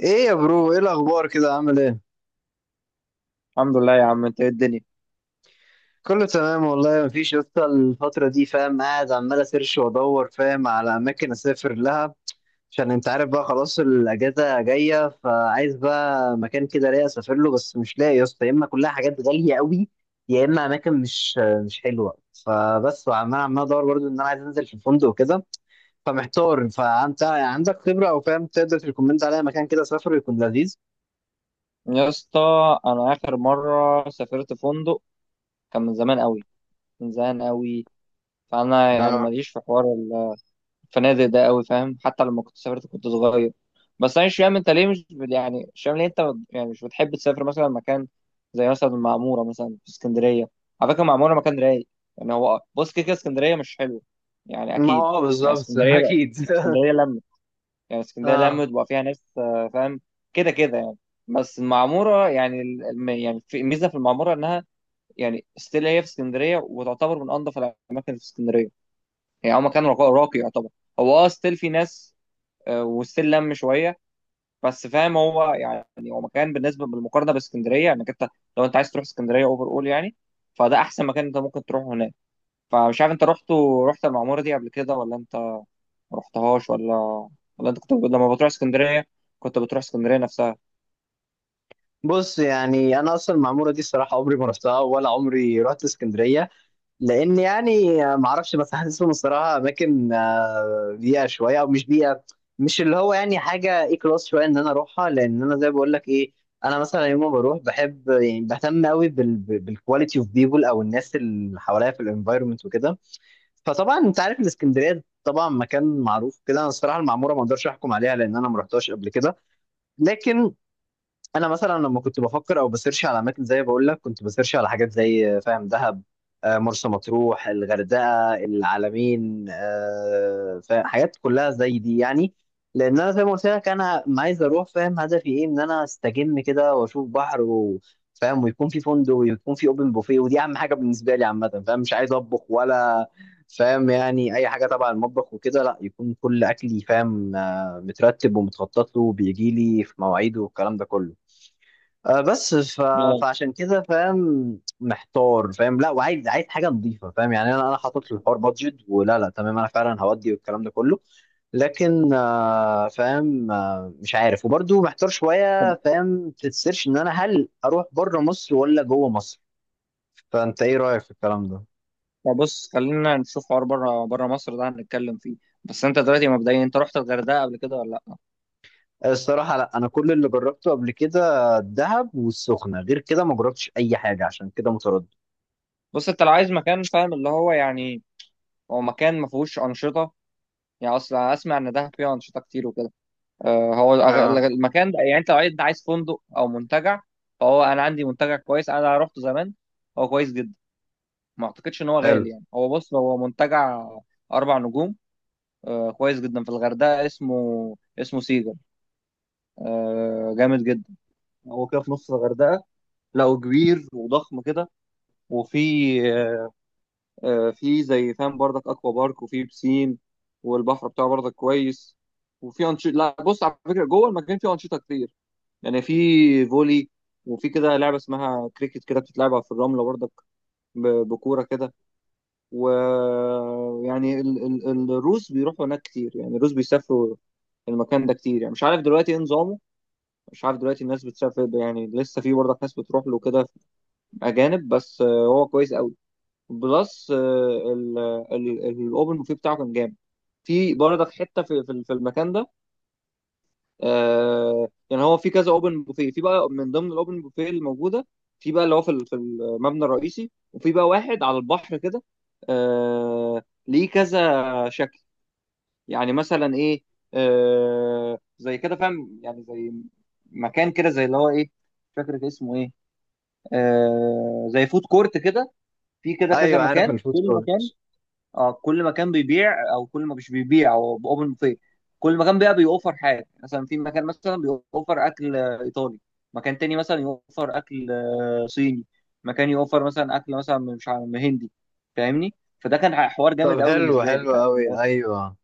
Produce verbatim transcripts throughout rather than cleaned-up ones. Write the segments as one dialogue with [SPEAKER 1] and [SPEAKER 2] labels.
[SPEAKER 1] ايه يا برو، ايه الاخبار؟ كده عامل ايه؟
[SPEAKER 2] الحمد لله يا عم، انت ايه الدنيا؟
[SPEAKER 1] كله تمام والله. مفيش لسه الفتره دي، فاهم، قاعد عمال اسيرش وادور، فاهم، على اماكن اسافر لها. عشان انت عارف بقى، خلاص الاجازه جايه، فعايز بقى مكان كده ليا اسافر له، بس مش لاقي يا اسطى. يا اما كلها حاجات غاليه قوي، يا اما اماكن مش مش حلوه. فبس، وعمال عمال ادور برضه ان انا عايز انزل في فندق وكده. فمحتار، فانت عندك خبره او فاهم، تقدر تريكومند عليا مكان كده اسافر يكون لذيذ؟
[SPEAKER 2] يا اسطى، انا اخر مره سافرت فندق كان من زمان قوي، من زمان قوي فانا يعني
[SPEAKER 1] اه،
[SPEAKER 2] ماليش في حوار الفنادق ده قوي، فاهم؟ حتى لما كنت سافرت كنت صغير. بس انا مش فاهم انت ليه مش بت- يعني مش فاهم ليه انت بت- يعني مش بتحب تسافر مثلا مكان زي مثلا المعموره، مثلا في اسكندريه. على فكره المعموره مكان رايق. يعني هو بص، كده كده اسكندريه مش حلوه، يعني
[SPEAKER 1] ما
[SPEAKER 2] اكيد.
[SPEAKER 1] هو
[SPEAKER 2] يعني
[SPEAKER 1] بالظبط
[SPEAKER 2] اسكندريه بقى
[SPEAKER 1] اكيد
[SPEAKER 2] اسكندريه لما يعني اسكندريه لما
[SPEAKER 1] اه،
[SPEAKER 2] تبقى فيها ناس آه، فاهم؟ كده كده يعني. بس المعموره يعني ال- الم- يعني في ميزه في المعموره انها يعني ستيل هي في اسكندريه، وتعتبر من انظف الاماكن في اسكندريه. يعني هو مكان راقي، راقي يعتبر. هو اه ستيل في ناس آه، وستيل لم شويه، بس فاهم؟ هو يعني هو مكان بالنسبه بالمقارنه باسكندريه، انك يعني انت لو انت عايز تروح اسكندريه اوفر اول يعني. فده احسن مكان انت ممكن تروحه هناك. فمش عارف، انت رحت رحت المعموره دي قبل كده ولا انت ما رحتهاش؟ ولا ولا انت كنت لما بتروح اسكندريه كنت بتروح اسكندريه نفسها؟
[SPEAKER 1] بص يعني انا اصلا المعموره دي الصراحه عمري ما رحتها، ولا عمري رحت اسكندريه. لان يعني آه، ما اعرفش، بس حاسسهم الصراحه اماكن آه، بيئه شويه او مش بيئه، مش اللي هو يعني حاجه اي كلاس شويه ان انا اروحها، لان انا زي بقول لك ايه، انا مثلا يوم ما بروح بحب يعني بهتم قوي بالكواليتي اوف بيبول، او الناس اللي حواليا في الانفايرمنت وكده. فطبعا انت عارف الاسكندريه طبعا مكان معروف كده. انا الصراحه المعموره ما اقدرش احكم عليها لان انا ما رحتهاش قبل كده. لكن، انا مثلا لما كنت بفكر او بسيرش على اماكن، زي بقول لك كنت بسيرش على حاجات زي فاهم دهب، آه، مرسى مطروح، الغردقه، العلمين، آه، فاهم، حاجات كلها زي دي يعني. لان انا زي ما قلت لك، انا ما عايز اروح، فاهم، هدفي ايه ان انا استجم كده واشوف بحر وفاهم، ويكون في فندق ويكون في اوبن بوفيه، ودي اهم حاجه بالنسبه لي عامه. فاهم، مش عايز اطبخ ولا فاهم يعني اي حاجه تبع المطبخ وكده، لا يكون كل اكلي فاهم آه، مترتب ومتخطط له وبيجي لي في مواعيده والكلام ده كله. آه، بس ف...
[SPEAKER 2] اه.
[SPEAKER 1] فعشان كده فاهم محتار، فاهم لا، وعايز عايز حاجه نظيفه، فاهم يعني انا انا حاطط للحوار بادجت ولا لا، تمام انا فعلا هودي والكلام ده كله. لكن آه، فاهم، آه، مش عارف، وبرضو محتار
[SPEAKER 2] طب
[SPEAKER 1] شويه فاهم في السيرش ان انا هل اروح بره مصر ولا جوه مصر؟ فانت ايه رايك في الكلام ده؟
[SPEAKER 2] طب بص، خلينا نشوف حوار بره بره مصر ده هنتكلم فيه. بس انت دلوقتي مبدئيا، انت رحت الغردقه قبل كده ولا لا؟
[SPEAKER 1] الصراحه لا، انا كل اللي جربته قبل كده الدهب والسخنه، غير كده ما جربتش اي حاجه، عشان كده متردد.
[SPEAKER 2] بص، انت لو عايز مكان فاهم اللي هو يعني هو مكان ما فيهوش انشطه، يعني اصلا اسمع ان دهب فيها انشطه كتير وكده. آه، هو
[SPEAKER 1] اه،
[SPEAKER 2] الأغ- المكان ده، يعني انت لو عايز، عايز فندق او منتجع، فهو انا عندي منتجع كويس انا رحته زمان. هو كويس جدا، ما اعتقدش ان هو
[SPEAKER 1] حلو.
[SPEAKER 2] غالي. يعني هو بص، هو منتجع اربع نجوم، آه كويس جدا، في الغردقه، اسمه اسمه سيجا. آه جامد جدا. هو كده في نص الغردقه، لقوا كبير وضخم كده. وفي آه، في زي فاهم بردك اكوا بارك، وفي بسين، والبحر بتاعه بردك كويس. وفي انشطه، لا بص، على فكره جوه المكان فيه انشطه كتير. يعني في فولي، وفي كده لعبه اسمها كريكت كده، بتتلعب في الرمله بردك ب- بكوره كده. ويعني ال... ال... الروس بيروحوا هناك كتير. يعني الروس بيسافروا المكان ده كتير. يعني مش عارف دلوقتي ايه نظامه، مش عارف دلوقتي الناس بتسافر. يعني لسه في برضه ناس بتروح له كده، اجانب بس. آه، هو كويس قوي. بلس آه، ال... ال... الاوبن بوفيه بتاعه كان جامد. في برضك حته في في في المكان ده. آه يعني هو في كذا اوبن بوفيه. في بقى من ضمن الاوبن بوفيه الموجوده، في بقى اللي هو في ال- في المبنى الرئيسي، وفي بقى واحد على البحر كده. آه ليه كذا شكل، يعني مثلا ايه؟ آه، زي كده فاهم، يعني زي مكان كده زي اللي هو ايه، مش فاكر كان اسمه ايه، آه زي فود كورت كده. في كده كذا
[SPEAKER 1] ايوه، عارف
[SPEAKER 2] مكان،
[SPEAKER 1] الفود
[SPEAKER 2] كل مكان.
[SPEAKER 1] كورت.
[SPEAKER 2] اه، كل مكان بيبيع، او كل ما مش بيبيع هو اوبن بوفيه. كل مكان بقى بيوفر حاجه. مثلا في مكان مثلا بيوفر اكل آه، ايطالي، مكان تاني مثلا يوفر اكل آه، صيني، مكان يوفر مثلا اكل مثلا من- مش عارف من هندي. فاهمني؟ فده كان حوار جامد
[SPEAKER 1] طب
[SPEAKER 2] قوي
[SPEAKER 1] حلو
[SPEAKER 2] بالنسبه لي،
[SPEAKER 1] حلو
[SPEAKER 2] فاهم اللي
[SPEAKER 1] قوي،
[SPEAKER 2] هو؟
[SPEAKER 1] ايوه.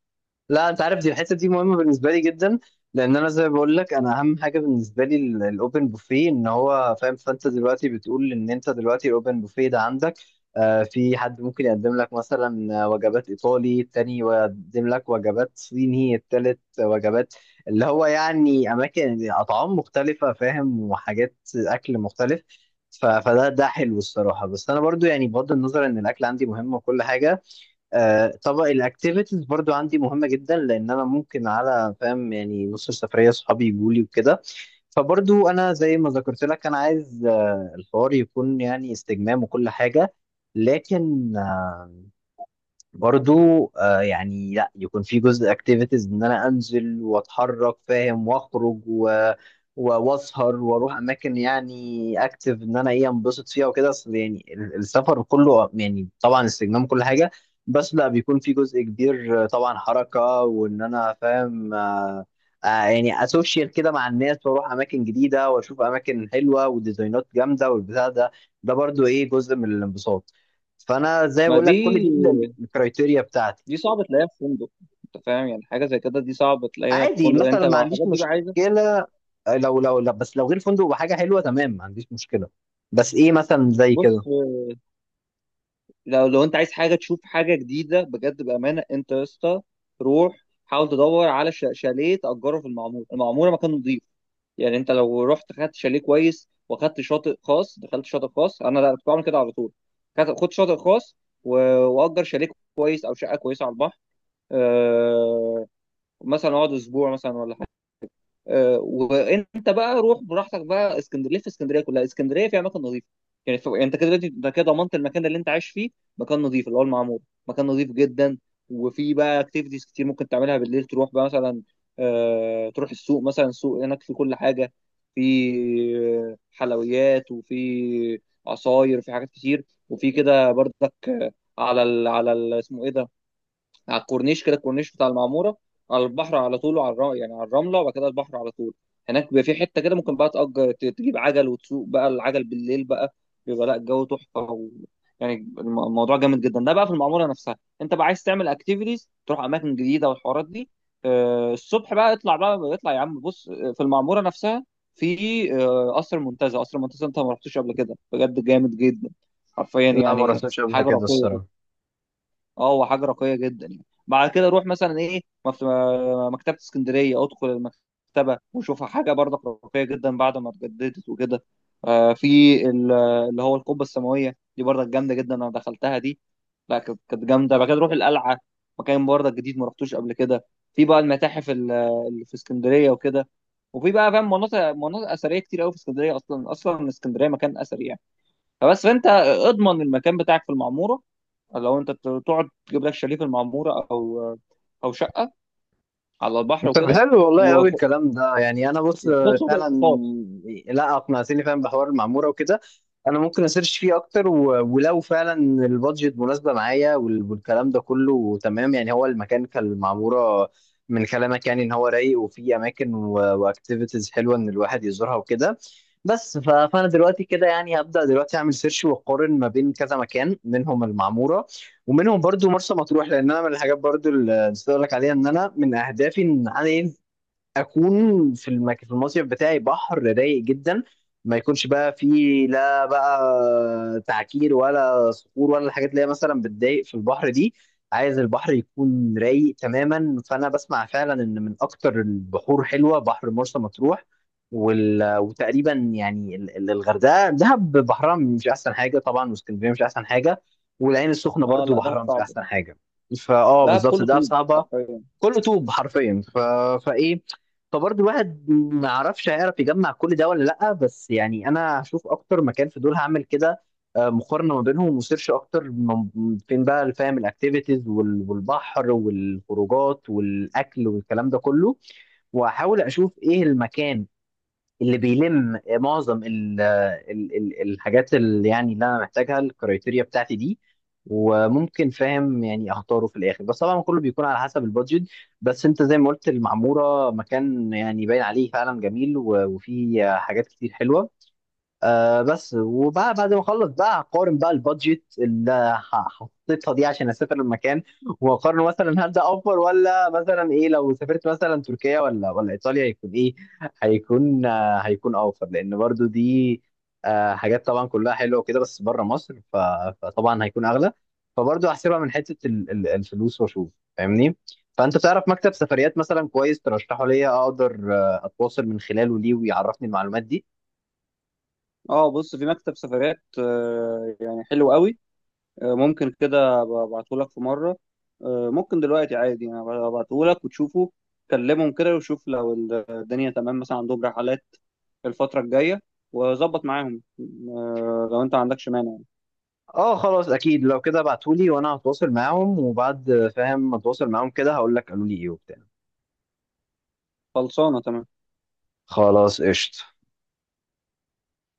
[SPEAKER 1] لا، انت عارف دي الحته دي مهمه بالنسبه لي جدا. لان انا زي ما بقول لك، انا اهم حاجه بالنسبه لي الاوبن بوفيه. ان هو فاهم، فانت دلوقتي بتقول ان انت دلوقتي الاوبن بوفيه ده عندك آه في حد ممكن يقدم لك مثلا آه، وجبات ايطالي، التاني يقدم لك وجبات صيني، التالت وجبات اللي هو يعني اماكن اطعام مختلفه، فاهم، وحاجات اكل مختلف. ف- فده ده حلو الصراحه، بس انا برضو يعني بغض النظر ان الاكل عندي مهم وكل حاجه، آه، طبعا الاكتيفيتيز برضو عندي مهمه جدا، لان انا ممكن على فاهم يعني نص السفريه اصحابي يجوا لي وكده. فبرضو انا زي ما ذكرت لك، انا عايز آه، الحوار يكون يعني استجمام وكل حاجه. لكن، برضو آه يعني لا يكون في جزء اكتيفيتيز ان انا انزل واتحرك فاهم واخرج و و- واسهر واروح اماكن، يعني اكتف ان انا ايه انبسط فيها وكده، اصل يعني ال- السفر كله يعني طبعا استجمام كل حاجه. بس لا، بيكون في جزء كبير آه، طبعا حركه وان انا فاهم آه آه يعني اسوشيال كده مع الناس واروح اماكن جديده واشوف اماكن حلوه وديزاينات جامده والبتاع ده، ده برضو ايه جزء من الانبساط. فانا زي ما
[SPEAKER 2] ما
[SPEAKER 1] بقول
[SPEAKER 2] دي
[SPEAKER 1] لك كل دي الكرايتيريا بتاعتي.
[SPEAKER 2] دي صعب تلاقيها في فندق. انت فاهم، يعني حاجه زي كده دي صعب تلاقيها في
[SPEAKER 1] عادي
[SPEAKER 2] فندق،
[SPEAKER 1] مثلا،
[SPEAKER 2] انت
[SPEAKER 1] ما
[SPEAKER 2] لو
[SPEAKER 1] عنديش
[SPEAKER 2] الحاجات دي بقى عايزه.
[SPEAKER 1] مشكله، آه، لو لو لا، بس لو غير فندق وحاجه حلوه تمام ما عنديش مشكله، بس ايه مثلا زي
[SPEAKER 2] بص،
[SPEAKER 1] كده؟
[SPEAKER 2] لو لو انت عايز حاجه تشوف حاجه جديده، بجد بامانه انت يا اسطى، روح حاول تدور على ش- شاليه تاجره في المعموره. المعموره مكان نظيف. يعني انت لو رحت خدت شاليه كويس واخدت شاطئ خاص، دخلت شاطئ خاص، انا لا كنت بعمل كده على طول. خد خد شاطئ خاص، و- واجر شاليه كويس او شقه كويسه على البحر. أه، مثلا اقعد اسبوع مثلا ولا حاجه. آه، وانت بقى روح براحتك بقى اسكندريه، في اسكندريه كلها، اسكندريه في اماكن نظيفه. يعني ف... يعني انت كده دلوقتي، انت كده ضمنت المكان اللي انت عايش فيه، مكان نظيف اللي هو المعمور، مكان نظيف جدا. وفي بقى اكتيفيتيز كتير ممكن تعملها بالليل، تروح بقى مثلا، آه... تروح السوق مثلا، السوق هناك في كل حاجه، في حلويات وفي عصاير وفي حاجات كتير. وفي كده برضك على ال... على ال... اسمه ايه ده، على الكورنيش كده، الكورنيش بتاع المعموره، على البحر على طول، وعلى الر- يعني على الرمله وبعد كده البحر على طول. هناك بيبقى في حته كده، ممكن بقى تأجر ت- تجيب عجل وتسوق بقى العجل بالليل بقى. بيبقى لا الجو تحفه و... يعني الم- الموضوع جامد جدا ده بقى في المعموره نفسها. انت بقى عايز تعمل اكتيفيتيز، تروح اماكن جديده والحوارات دي، آه الصبح بقى اطلع بقى، اطلع يا عم. بص آه، في المعموره نفسها، في آه، قصر المنتزه قصر المنتزه، انت ما رحتوش قبل كده؟ بجد جامد جدا، حرفيا
[SPEAKER 1] لا، ما
[SPEAKER 2] يعني
[SPEAKER 1] رحتش قبل
[SPEAKER 2] حاجه
[SPEAKER 1] كده
[SPEAKER 2] راقيه.
[SPEAKER 1] الصراحه.
[SPEAKER 2] اه، هو حاجه راقيه جدا. يعني بعد كده روح مثلا ايه مف- مكتبه اسكندريه، ادخل المكتبه وشوفها، حاجه برضك راقيه جدا بعد ما اتجددت وكده. آه، في ال- اللي هو القبه السماويه، دي برضك جامده جدا، انا دخلتها دي لا كانت كانت جامده. بعد كده روح القلعه، مكان برضك جديد ما رحتوش قبل كده. في بقى المتاحف ال- اللي في اسكندريه وكده. وفي بقى فاهم مناطق مناطق اثريه كتير قوي في اسكندريه، اصلا اصلا اسكندريه مكان اثري. فبس، فانت اضمن المكان بتاعك في المعموره، لو انت ت- تقعد تجيب لك شاليه في المعموره، او او شقه على البحر
[SPEAKER 1] طب
[SPEAKER 2] وكده.
[SPEAKER 1] حلو والله قوي
[SPEAKER 2] وخ-
[SPEAKER 1] الكلام ده، يعني انا بص،
[SPEAKER 2] وخد شغل
[SPEAKER 1] فعلا،
[SPEAKER 2] خاص.
[SPEAKER 1] لا، اقنعتني فعلا بحوار المعموره وكده. انا ممكن اسيرش فيه اكتر و... ولو فعلا البادجت مناسبه معايا وال... والكلام ده كله تمام، يعني هو المكان كالمعموره من كلامك، يعني ان هو رايق وفيه اماكن و... واكتيفيتيز حلوه ان الواحد يزورها وكده. بس ف... فانا دلوقتي كده يعني هبدا دلوقتي اعمل سيرش واقارن ما بين كذا مكان، منهم المعموره، ومنهم برضو مرسى مطروح، لان انا من الحاجات برضو اللي نسيت اقول لك عليها ان انا من اهدافي ان انا ايه اكون في المك... في المصيف بتاعي بحر رايق جدا. ما يكونش بقى فيه لا بقى تعكير ولا صخور ولا الحاجات اللي هي مثلا بتضايق في البحر دي، عايز البحر يكون رايق تماما. فانا بسمع فعلا ان من اكتر البحور حلوه بحر مرسى مطروح، وال... وتقريبا يعني ال- ال- الغردقه، دهب بحرها مش احسن حاجه طبعا، واسكندريه مش احسن حاجه، والعين السخنه
[SPEAKER 2] اه
[SPEAKER 1] برضو
[SPEAKER 2] لا ده
[SPEAKER 1] بحرها مش
[SPEAKER 2] صعب،
[SPEAKER 1] احسن حاجه. فاه،
[SPEAKER 2] ده
[SPEAKER 1] بالظبط
[SPEAKER 2] بكل
[SPEAKER 1] ده
[SPEAKER 2] طول
[SPEAKER 1] صعبه.
[SPEAKER 2] حرفيا.
[SPEAKER 1] كله طوب حرفيا ف... فايه، فبرضه الواحد ما يعرفش هيعرف يجمع كل ده ولا لأ، بس يعني أنا هشوف أكتر مكان في دول هعمل كده، آه، مقارنة ما بينهم وسيرش أكتر من- فين بقى فاهم الأكتيفيتيز وال- والبحر والخروجات والأكل والكلام ده كله. وأحاول أشوف إيه المكان اللي بيلم معظم ال ال ال الحاجات اللي يعني اللي انا محتاجها، الكرايتيريا بتاعتي دي. وممكن فاهم يعني اختاره في الاخر، بس طبعا كله بيكون على حسب البادجت. بس انت زي ما قلت، المعموره مكان يعني باين عليه فعلا جميل، و- وفيه حاجات كتير حلوه. آه بس وبقى بعد ما اخلص بقى هقارن بقى البادجت اللي ح- حطيتها دي عشان اسافر المكان، واقارن مثلا هل ده اوفر، ولا مثلا ايه لو سافرت مثلا تركيا ولا ولا ايطاليا، هيكون ايه؟ هيكون آه هيكون اوفر لان برضو دي آه حاجات طبعا كلها حلوه وكده، بس بره مصر ف- فطبعا هيكون اغلى. فبرضو هحسبها من حته ال- ال- الفلوس واشوف. فاهمني؟ فانت تعرف مكتب سفريات مثلا كويس ترشحه ليا، اقدر آه، اتواصل من خلاله ليه ويعرفني المعلومات دي؟
[SPEAKER 2] اه، بص، في مكتب سفرات آه، يعني حلو قوي، آه، ممكن كده ابعته لك في مره، آه، ممكن دلوقتي عادي، يعني ابعته لك وتشوفه، كلمهم كده وشوف لو الدنيا تمام، مثلا عندهم رحلات الفتره الجايه وظبط معاهم آه، لو انت ما عندكش مانع.
[SPEAKER 1] اه خلاص، اكيد لو كده ابعتولي وانا هتواصل معاهم، وبعد فاهم ما اتواصل معاهم كده هقول لك قالوا لي ايه وبتاع.
[SPEAKER 2] خلصانة تمام.
[SPEAKER 1] خلاص، قشطة.